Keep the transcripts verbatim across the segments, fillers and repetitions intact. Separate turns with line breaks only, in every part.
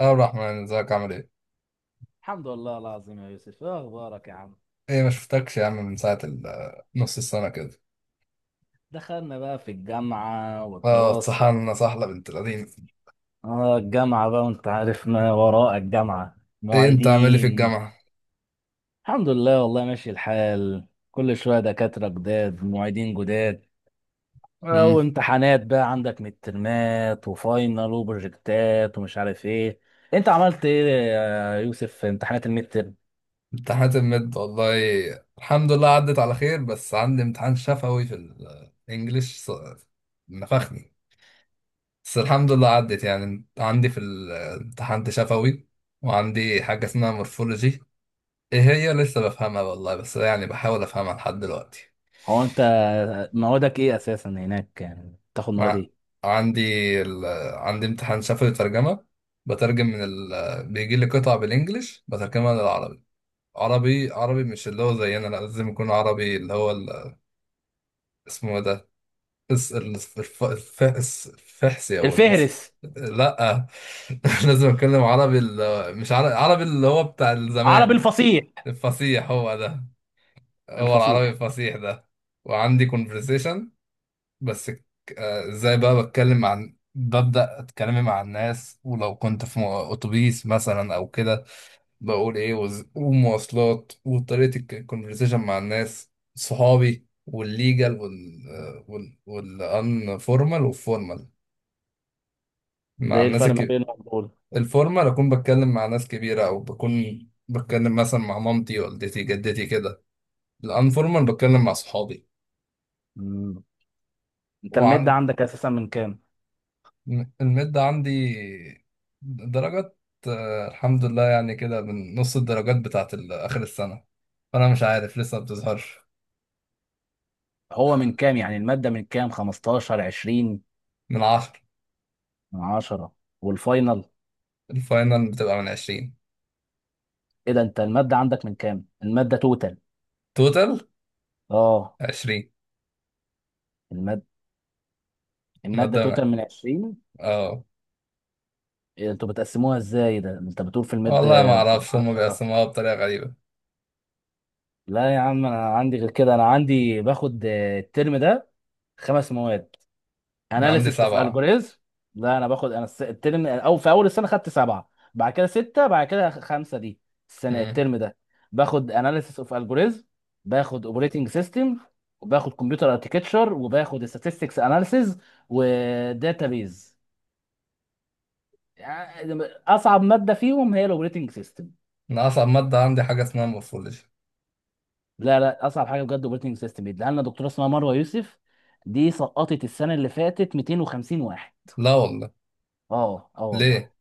اه، عبد الرحمن، ازيك؟ عامل ايه؟
الحمد لله العظيم يا يوسف، ايه اخبارك يا عم؟
ايه، ما شفتكش يا عم من ساعة ال- نص السنة كده.
دخلنا بقى في الجامعة
اه،
والدراسة.
اتسحلنا سحلة بنت لذينة.
اه، الجامعة بقى، وانت عارف ما وراء الجامعة
ايه، انت عامل ايه في
معيدين.
الجامعة؟
الحمد لله والله ماشي الحال. كل شوية دكاترة جداد، معيدين جداد. اه،
امم.
وامتحانات بقى، عندك مترمات وفاينل وبروجكتات ومش عارف ايه. انت عملت ايه يا يوسف في امتحانات المتر؟
امتحانات المد والله، الحمد لله عدت على خير، بس عندي امتحان شفوي في الانجليش ص- نفخني. بس الحمد لله عدت، يعني عندي في ال- امتحان شفوي، وعندي حاجة اسمها مورفولوجي. ايه هي لسه بفهمها والله، بس يعني بحاول افهمها لحد دلوقتي.
هو انت موادك ايه اساسا هناك، يعني بتاخد مواد
مع
ايه؟
عندي ال... عندي امتحان شفوي ترجمة. بترجم من ال... بيجي لي قطع بالانجلش بترجمها للعربي. عربي عربي، مش اللي هو زينا، لا لازم يكون عربي اللي هو ال... اسمه إيه ده؟ الس... الف... الف... الفحس الفحسي او الس...
الفهرس.
لا لازم اتكلم عربي، ال... مش عربي عربي اللي هو بتاع
عربي
الزمان.
الفصيح.
الفصيح هو ده، هو العربي
الفصيح
الفصيح ده. وعندي conversation. بس ك- آه، ازاي بقى بتكلم عن ببدأ اتكلمي مع الناس، ولو كنت في مو- اتوبيس مثلا او كده. بقول ايه وز... ومواصلات، وطريقة الكونفرسيشن مع الناس، صحابي، والليجال وال آه، وال والان فورمال والفورمال
ده.
مع
ايه
الناس
الفرق ما
الك...
بينه وبين دول؟
الفورمال اكون بتكلم مع ناس كبيرة، او بكون بتكلم مثلا مع مامتي، والدتي، جدتي كده. الان فورمال بتكلم مع صحابي.
مم. انت المادة عندك اساسا من كام؟
المد عندي درجات. آه، الحمد لله، يعني كده من نص الدرجات بتاعت ال- آخر السنة، فأنا مش عارف لسه ما بتظهرش.
هو من كام يعني المادة، من كام؟ خمستاشر؟ عشرين؟
من عشرة.
من عشرة. والفاينل؟
الفاينل بتبقى من عشرين.
ايه ده، انت المادة عندك من كام؟ المادة توتال.
توتال.
اه.
عشرين.
المادة. المادة
مادة.
توتال من عشرين؟
اه
إيه انتوا بتقسموها ازاي ده، انت بتقول في
والله ما
المادة
أعرفش، هما
عشرة؟
بيقسموها بطريقة غريبة.
لا يا عم انا عندي غير كده. انا عندي باخد آه، الترم ده خمس مواد:
أنا عندي
اناليسيس اوف
سبعة.
الجوريزم. لا انا باخد، انا الس- الترم، او في اول السنه خدت سبعه، بعد كده سته، بعد كده خمسه دي السنه
مم.
الترم ده. باخد اناليسيس اوف الجوريزم، باخد اوبريتنج سيستم، وباخد كمبيوتر اركتكتشر، وباخد statistics اناليسيز، وداتابيز. اصعب ماده فيهم هي الاوبريتنج سيستم.
أنا أصعب مادة عندي حاجة اسمها مورفولوجي.
لا لا، اصعب حاجه بجد اوبريتنج سيستم. بيديها لنا دكتوره اسمها مروه يوسف. دي سقطت السنه اللي فاتت مئتين وخمسين واحد.
لا والله.
اه اه والله.
ليه؟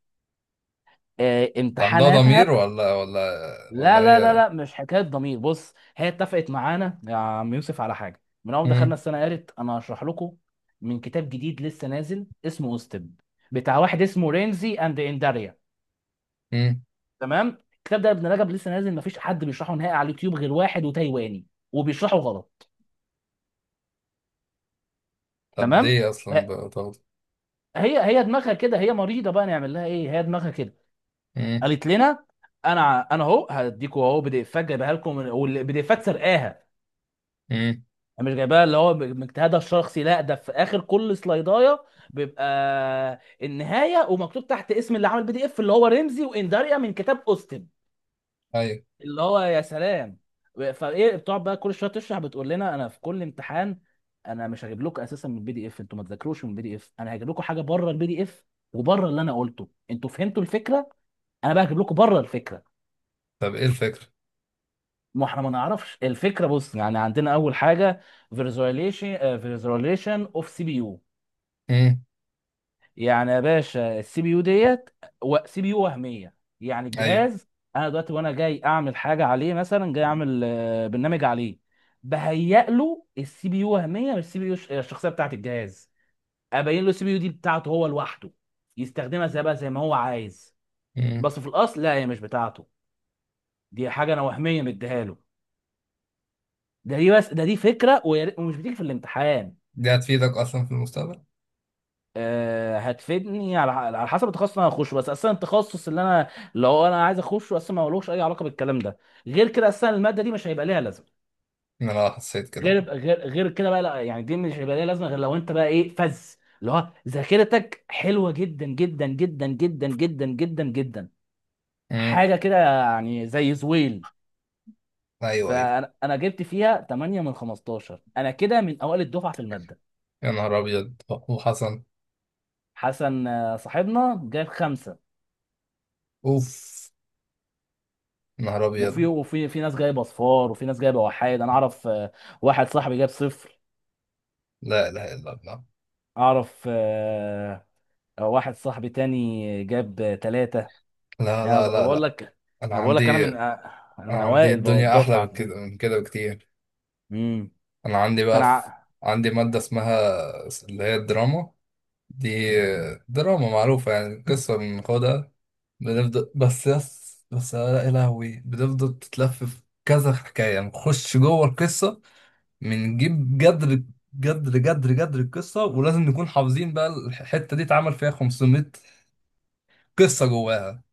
آه،
ده عندها
امتحاناتها.
ضمير ولا ولا؟
لا
ولا
لا لا
هي.
لا مش حكايه ضمير. بص، هي اتفقت معانا يا عم يوسف على حاجه من اول ما دخلنا
مم.
السنه. قالت انا هشرح لكم من كتاب جديد لسه نازل اسمه اوستب، بتاع واحد اسمه رينزي اند انداريا.
مم.
تمام. الكتاب ده يا ابن رجب لسه نازل، مفيش حد بيشرحه نهائي على اليوتيوب غير واحد وتايواني، وبيشرحه غلط.
طب
تمام.
ليه
ف-
أصلا بتاخد؟
هي هي دماغها كده، هي مريضه بقى، نعمل لها ايه، هي دماغها كده.
مم.
قالت لنا: انا انا اهو هديكوا اهو بي دي اف جايبها لكم، والبي دي افات سرقاها،
مم.
مش جايباها اللي هو من اجتهادها الشخصي. لا، ده في اخر كل سلايدايه بيبقى النهايه، ومكتوب تحت اسم اللي عمل بي دي اف، اللي هو رمزي وانداريا، من كتاب اوستن.
أيوة.
اللي هو يا سلام. فايه، بتقعد بقى كل شويه تشرح، بتقول لنا انا في كل امتحان انا مش هجيب لكم اساسا من البي دي اف، انتوا ما تذاكروش من البي دي اف، انا هجيب لكم حاجه بره البي دي اف وبره اللي انا قلته. انتوا فهمتوا الفكره، انا بقى هجيب لكم بره الفكره.
طب ايه الفكرة؟
ما احنا ما نعرفش الفكره. بص يعني عندنا اول حاجه: فيرزواليشن فيرزواليشن اوف سي بي يو.
امم.
يعني يا باشا السي بي يو ديت، سي بي يو وهميه، يعني
ايوه.
الجهاز انا دلوقتي وانا جاي اعمل حاجه عليه، مثلا جاي اعمل آه، برنامج عليه، بهيئ له السي بي يو وهميه، مش السي بي يو الشخصيه بتاعت الجهاز. ابين له السي بي يو دي بتاعته هو لوحده، يستخدمها زي بقى زي ما هو عايز.
امم.
بس في الاصل لا، هي مش بتاعته، دي حاجه انا وهميه مديها له. ده دي بس ده دي فكره، ويا ريت- ومش بتيجي في الامتحان.
دي هتفيدك اصلا في المستقبل؟
آه، هتفيدني على على حسب التخصص اللي انا هخشه، بس اصلا التخصص اللي انا، لو انا عايز اخشه اصلا ما لهوش اي علاقه بالكلام ده، غير كده اصلا الماده دي مش هيبقى ليها لازمه.
إن انا حسيت كده.
غير غير غير كده بقى، لا يعني دي مش هيبقى ليها لازمه، غير لو انت بقى ايه فز اللي هو ذاكرتك حلوه جدا جدا جدا جدا جدا جدا جدا،
امم.
حاجه كده يعني زي زويل.
ايوه، ايوه.
فانا انا جبت فيها ثمانية من خمستاشر، انا كده من اوائل الدفعه في الماده.
يا نهار ابيض. وحسن.
حسن آه، صاحبنا جاب خمسة.
اوف. يا نهار
وفي
ابيض.
وفي في ناس جايبه صفار وفي ناس جايبه وحايد. انا اعرف آه، واحد صاحبي جاب صفر.
لا اله الا الله.
اعرف آه، آه، واحد صاحبي تاني جاب ثلاثة.
لا،
يعني أب-
لا، لا،
بقول
لا.
لك.
انا
أنا بقول لك انا
عندي.
من آه، انا
أنا
من
عندي
اوائل بقى
الدنيا احلى من
الدفعه في
كده،
دي.
من كده بكتير.
امم.
انا عندي بقى
فانا
في...
ع-
عندي مادة اسمها اللي هي الدراما دي، دراما معروفة يعني، قصة بناخدها، بنفضل، بس يس، بس لا يا لهوي، بنفضل تتلف في كذا حكاية، يعني نخش جوه القصة، بنجيب جدر، جدر، جدر، جدر القصة، ولازم نكون حافظين بقى. الحتة دي اتعمل فيها خمسمية قصة جواها.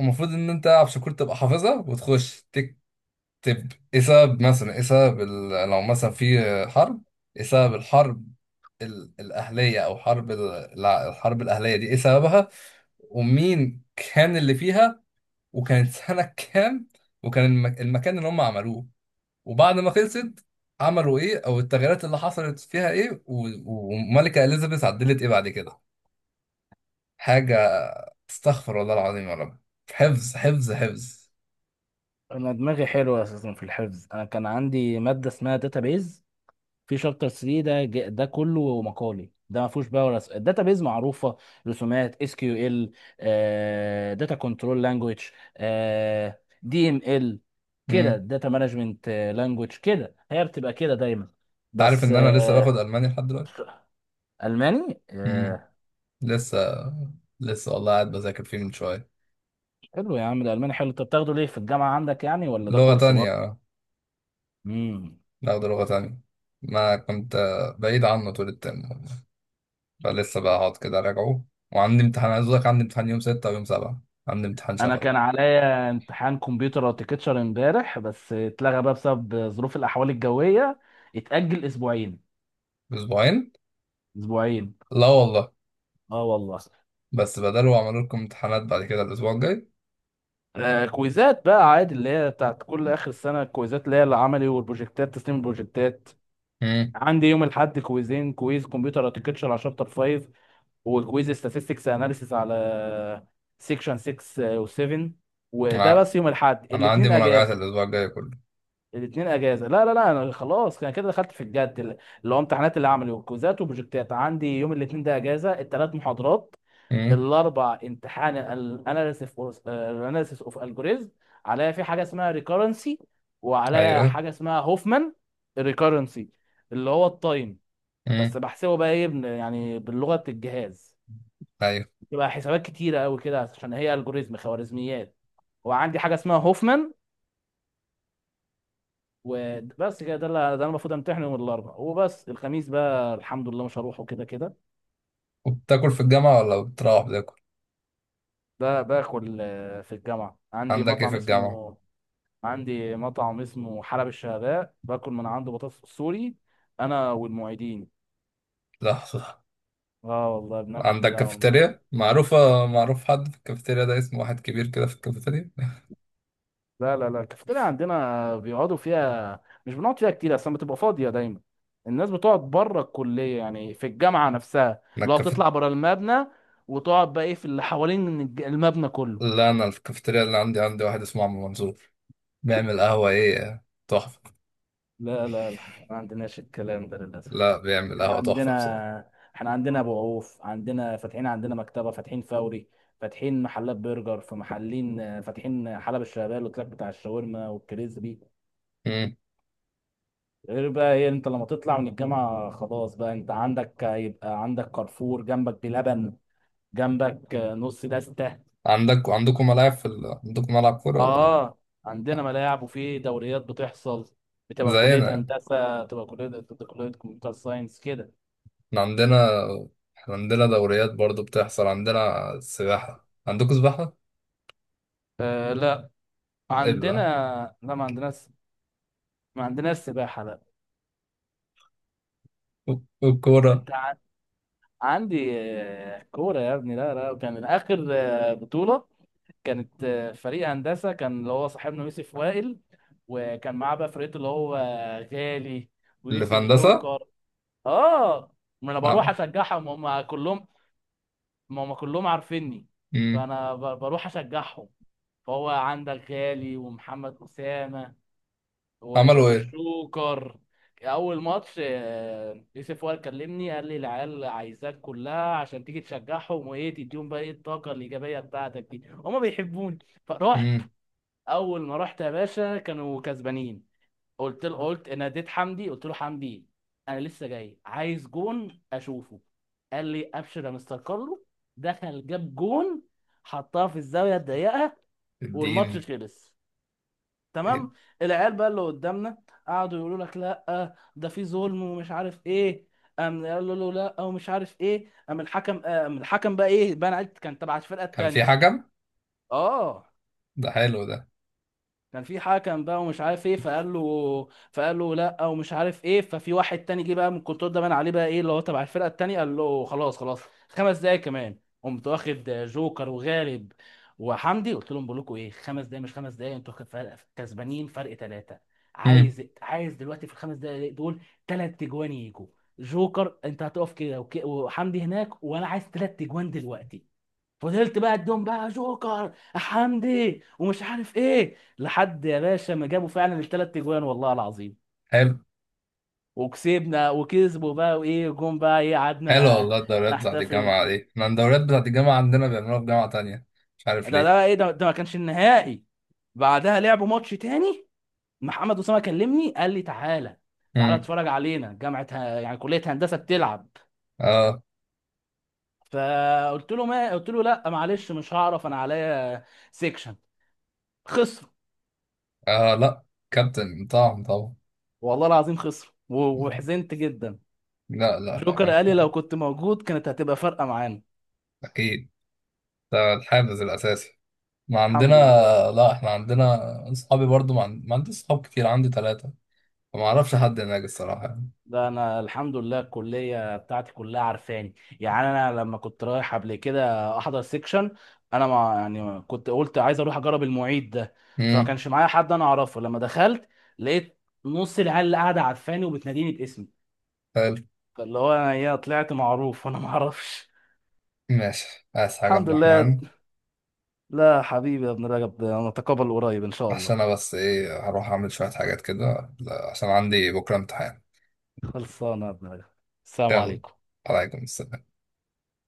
المفروض إن أنت عشان كنت تبقى حافظها وتخش تكتب إيه سبب، مثلا إيه سبب ال- لو مثلا في حرب، إيه سبب الحرب ال- الأهلية، أو حرب ال- الع- الحرب الأهلية دي إيه سببها، ومين كان اللي فيها، وكانت سنة كام، وكان المك... المكان اللي هم عملوه، وبعد ما خلصت عملوا ايه، او التغييرات اللي حصلت فيها ايه و... وملكة اليزابيث عدلت ايه بعد كده. حاجة. استغفر الله العظيم يا رب. حفظ، حفظ، حفظ.
انا دماغي حلوه اساسا في الحفظ. انا كان عندي ماده اسمها داتابيز، في شابتر تلاتة ده ج- ده كله مقالي، ده ما فيهوش بقى ولا داتا بيز معروفه. رسومات اس كيو ال، داتا كنترول لانجويج، دي ام ال كده،
امم.
داتا مانجمنت لانجويج كده، هي بتبقى كده دايما.
انت عارف
بس
ان انا لسه باخد
آه،
الماني لحد دلوقتي.
الماني.
امم.
آه،
لسه، لسه والله قاعد بذاكر فيه من شوية.
حلو يا عم، ده الماني حلو. انت بتاخده ليه في الجامعه عندك يعني ولا ده
لغة
كورس
تانية،
برضه؟
اه.
امم.
باخد لغة تانية. ما كنت آه، بعيد عنه طول الترم، فلسه بقى هقعد كده راجعه. وعندي امتحان، عايز اقول لك عندي امتحان يوم ستة ويوم سبعة. عندي امتحان
انا
شفوي.
كان عليا امتحان كمبيوتر اركتشر امبارح، بس اتلغى بقى بسبب ظروف الاحوال الجويه، اتاجل اسبوعين.
بأسبوعين.
اسبوعين.
لا والله.
اه والله.
بس بدلوا عملوا لكم امتحانات بعد كده الأسبوع الجاي.
آه، كويزات بقى عادي اللي هي بتاعت كل اخر السنه، الكويزات اللي هي العملي والبروجكتات، تسليم البروجكتات.
امم.
عندي يوم الاحد كويزين: كويز كمبيوتر اركتشر على شابتر خمسة، وكويز statistics اناليسيس على سيكشن ستة وسبعة. وده
انا
بس يوم الاحد.
أنا عندي
الاثنين
مراجعات
اجازه.
الأسبوع الجاي كله.
الاثنين اجازه. لا لا لا، انا خلاص، انا كده دخلت في الجد، اللي هو امتحانات، اللي عملي وكوزات وبروجكتات. عندي يوم الاثنين ده اجازه الثلاث محاضرات.
امم.
الاربع امتحان الاناليسيس، الاناليسيس اوف الجوريزم. عليا في حاجه اسمها ريكورنسي، وعليا
ايوه.
حاجه اسمها هوفمان. ريكورنسي اللي هو التايم، بس
امم.
بحسبه بقى ايه بن- يعني باللغه الجهاز،
ايوه.
بتبقى حسابات كتيره قوي كده، عشان هي الجوريزم خوارزميات. وعندي حاجه اسمها هوفمان، وبس كده. ده اللي ده انا المفروض امتحن يوم الاربعاء وبس، الخميس بقى الحمد لله مش هروحه كده كده.
وبتاكل في الجامعة، ولا بتروح بتاكل؟
ده باكل آه، في الجامعه عندي
عندك ايه في
مطعم
الجامعة؟
اسمه، عندي مطعم اسمه حلب الشهباء، باكل من عنده بطاطس سوري، انا والمعيدين.
لحظة.
اه والله بناكل
عندك
كده انا والمعيدين.
كافيتيريا معروفة، معروف حد في الكافيتيريا ده اسمه، واحد كبير كده في الكافيتيريا؟
لا لا لا، الكافيتيريا عندنا بيقعدوا فيها، مش بنقعد فيها كتير، اصلا بتبقى فاضيه دايما. الناس بتقعد بره الكليه يعني، في الجامعه نفسها،
انا
لو
الكافيت
تطلع بره المبنى وتقعد بقى ايه في اللي حوالين الج- المبنى كله.
لا، انا الكافيتيريا اللي عندي عندي واحد اسمه عم منصور، بيعمل قهوة ايه تحفة.
لا لا لا، احنا ما عندناش الكلام ده للأسف.
لا، بيعمل
احنا
قهوة تحفة
عندنا
بصراحة.
احنا عندنا أبو عوف، عندنا فاتحين، عندنا مكتبة فاتحين، فوري فاتحين، محلات برجر في محلين آه، فاتحين، حلب الشغال، والتراك بتاع الشاورما والكريسبي.
مم.
غير بقى ايه، انت لما تطلع من الجامعة خلاص بقى انت عندك، هيبقى عندك كارفور جنبك، بلبن جنبك، آه، نص دستة.
عندك عندكم ملاعب في ال... عندكم ملعب كورة ولا لا؟
اه، عندنا
لا.
ملاعب، وفي دوريات بتحصل. بتبقى كلية
زينا يعني.
هندسة، بتبقى كلية، بتبقى كلية كمبيوتر ساينس كده.
احنا عندنا احنا عندنا دوريات برضو بتحصل. عندنا سباحة، عندكم سباحة؟
آه لا. عندنا.
ابلع.
لا ما عندناش، ما عندناش سباحة لا.
والكورة.
انت ع... عندي آه، كورة يا ابني. لا لا، كان اخر آه، بطولة كانت آه، فريق هندسة كان، اللي هو صاحبنا يوسف وائل، وكان معاه بقى فرقته اللي هو غالي
اللي في
ويوسف
هندسة؟
جوكر. اه. ما انا بروح
عم-
اشجعهم، هم كلهم، ما هم كلهم عارفيني،
مم.
فانا ب- بروح اشجعهم. فهو عندك غالي ومحمد اسامة و-
عملوا ايه؟
والشوكر. اول ماتش آه، يوسف وائل كلمني، قال لي العيال عايزاك كلها عشان تيجي تشجعهم، وايه تديهم بقى ايه الطاقه الايجابيه بتاعتك دي، هما بيحبوني. فرحت.
مم.
اول ما رحت يا باشا كانوا كسبانين. قلت له، قلت ناديت حمدي، قلت له حمدي انا لسه جاي، عايز جون اشوفه. قال لي ابشر يا مستر كارلو. دخل، جاب جون، حطها في الزاويه الضيقه،
اديني.
والماتش خلص.
إيه؟
تمام. العيال بقى اللي قدامنا قعدوا يقولوا لك لا ده في ظلم ومش عارف ايه، قام قالوا له لا ومش عارف ايه، قام الحكم، قام الحكم بقى ايه بقى أنا عرفت كان تبع الفرقه
كان في
التانيه.
حكم؟
اه،
ده حلو ده.
كان في حكم بقى ومش عارف ايه، فقال له فقال له لا ومش عارف ايه، ففي واحد تاني جه بقى من الكنترول، ده بان عليه بقى ايه اللي هو تبع الفرقه التانيه، قال له خلاص خلاص، خمس دقايق كمان. قمت واخد جوكر وغالب وحمدي، قلت لهم بقول لكم ايه، خمس دقايق، مش خمس دقايق انتوا فرق- كسبانين فرق ثلاثه،
مم.
عايز عايز دلوقتي في الخمس دقايق دول ثلاث تجوان يجوا. جوكر انت هتقف كده وك- وحمدي هناك وانا عايز ثلاث تجوان دلوقتي. فضلت بقى اديهم بقى جوكر حمدي ومش عارف ايه لحد يا باشا ما جابوا فعلا الثلاث اجوان والله العظيم،
حلو.
وكسبنا. وكسبوا بقى وايه، جم بقى ايه
حلو
قعدنا
والله. الدوريات بتاعت
نحتفل.
الجامعة دي، احنا الدوريات بتاعت الجامعة عندنا بيعملوها في جامعة تانية، مش عارف
ده
ليه.
ده ايه ده, ده ما كانش النهائي. بعدها لعبوا ماتش تاني. محمد اسامه كلمني، قال لي تعالى، تعالى
مم.
اتفرج علينا، جامعه ه- يعني كليه هندسه بتلعب.
اه.
فقلت له، ما قلت له لا معلش مش هعرف، انا عليا سيكشن. خسروا.
آه، لا. كابتن، طبعا، طبعا.
والله العظيم خسروا و- وحزنت جدا.
لا، لا، لا
جوكر
يعني
قال لي لو
طبعاً.
كنت موجود كانت هتبقى فارقه معانا.
أكيد. ده الحافز الأساسي. ما عندنا.
الحمد لله.
لا، إحنا عندنا. أصحابي برضو، ما, عند... ما عندي أصحاب كتير، عندي ثلاثة، فما أعرفش حد هناك الصراحة يعني.
ده انا الحمد لله الكليه بتاعتي كلها عارفاني. يعني انا لما كنت رايح قبل كده احضر سيكشن، انا ما يعني كنت قلت عايز اروح اجرب المعيد ده، فما
امم.
كانش معايا حد انا اعرفه. لما دخلت لقيت نص العيال اللي قاعده عارفاني وبتناديني باسمي،
حلو.
فاللي هو انا ايه طلعت معروف وانا ما اعرفش.
ماشي، عايز حاجة
الحمد
عبد
لله.
الرحمن؟
لا حبيبي يا ابن رجب، ده نتقابل قريب ان شاء الله.
عشان أنا بس إيه هروح أعمل شوية حاجات كده، لا، عشان عندي بكرة امتحان.
خلصانه يا ابن رجب. السلام
يلا.
عليكم.
عليكم السلام.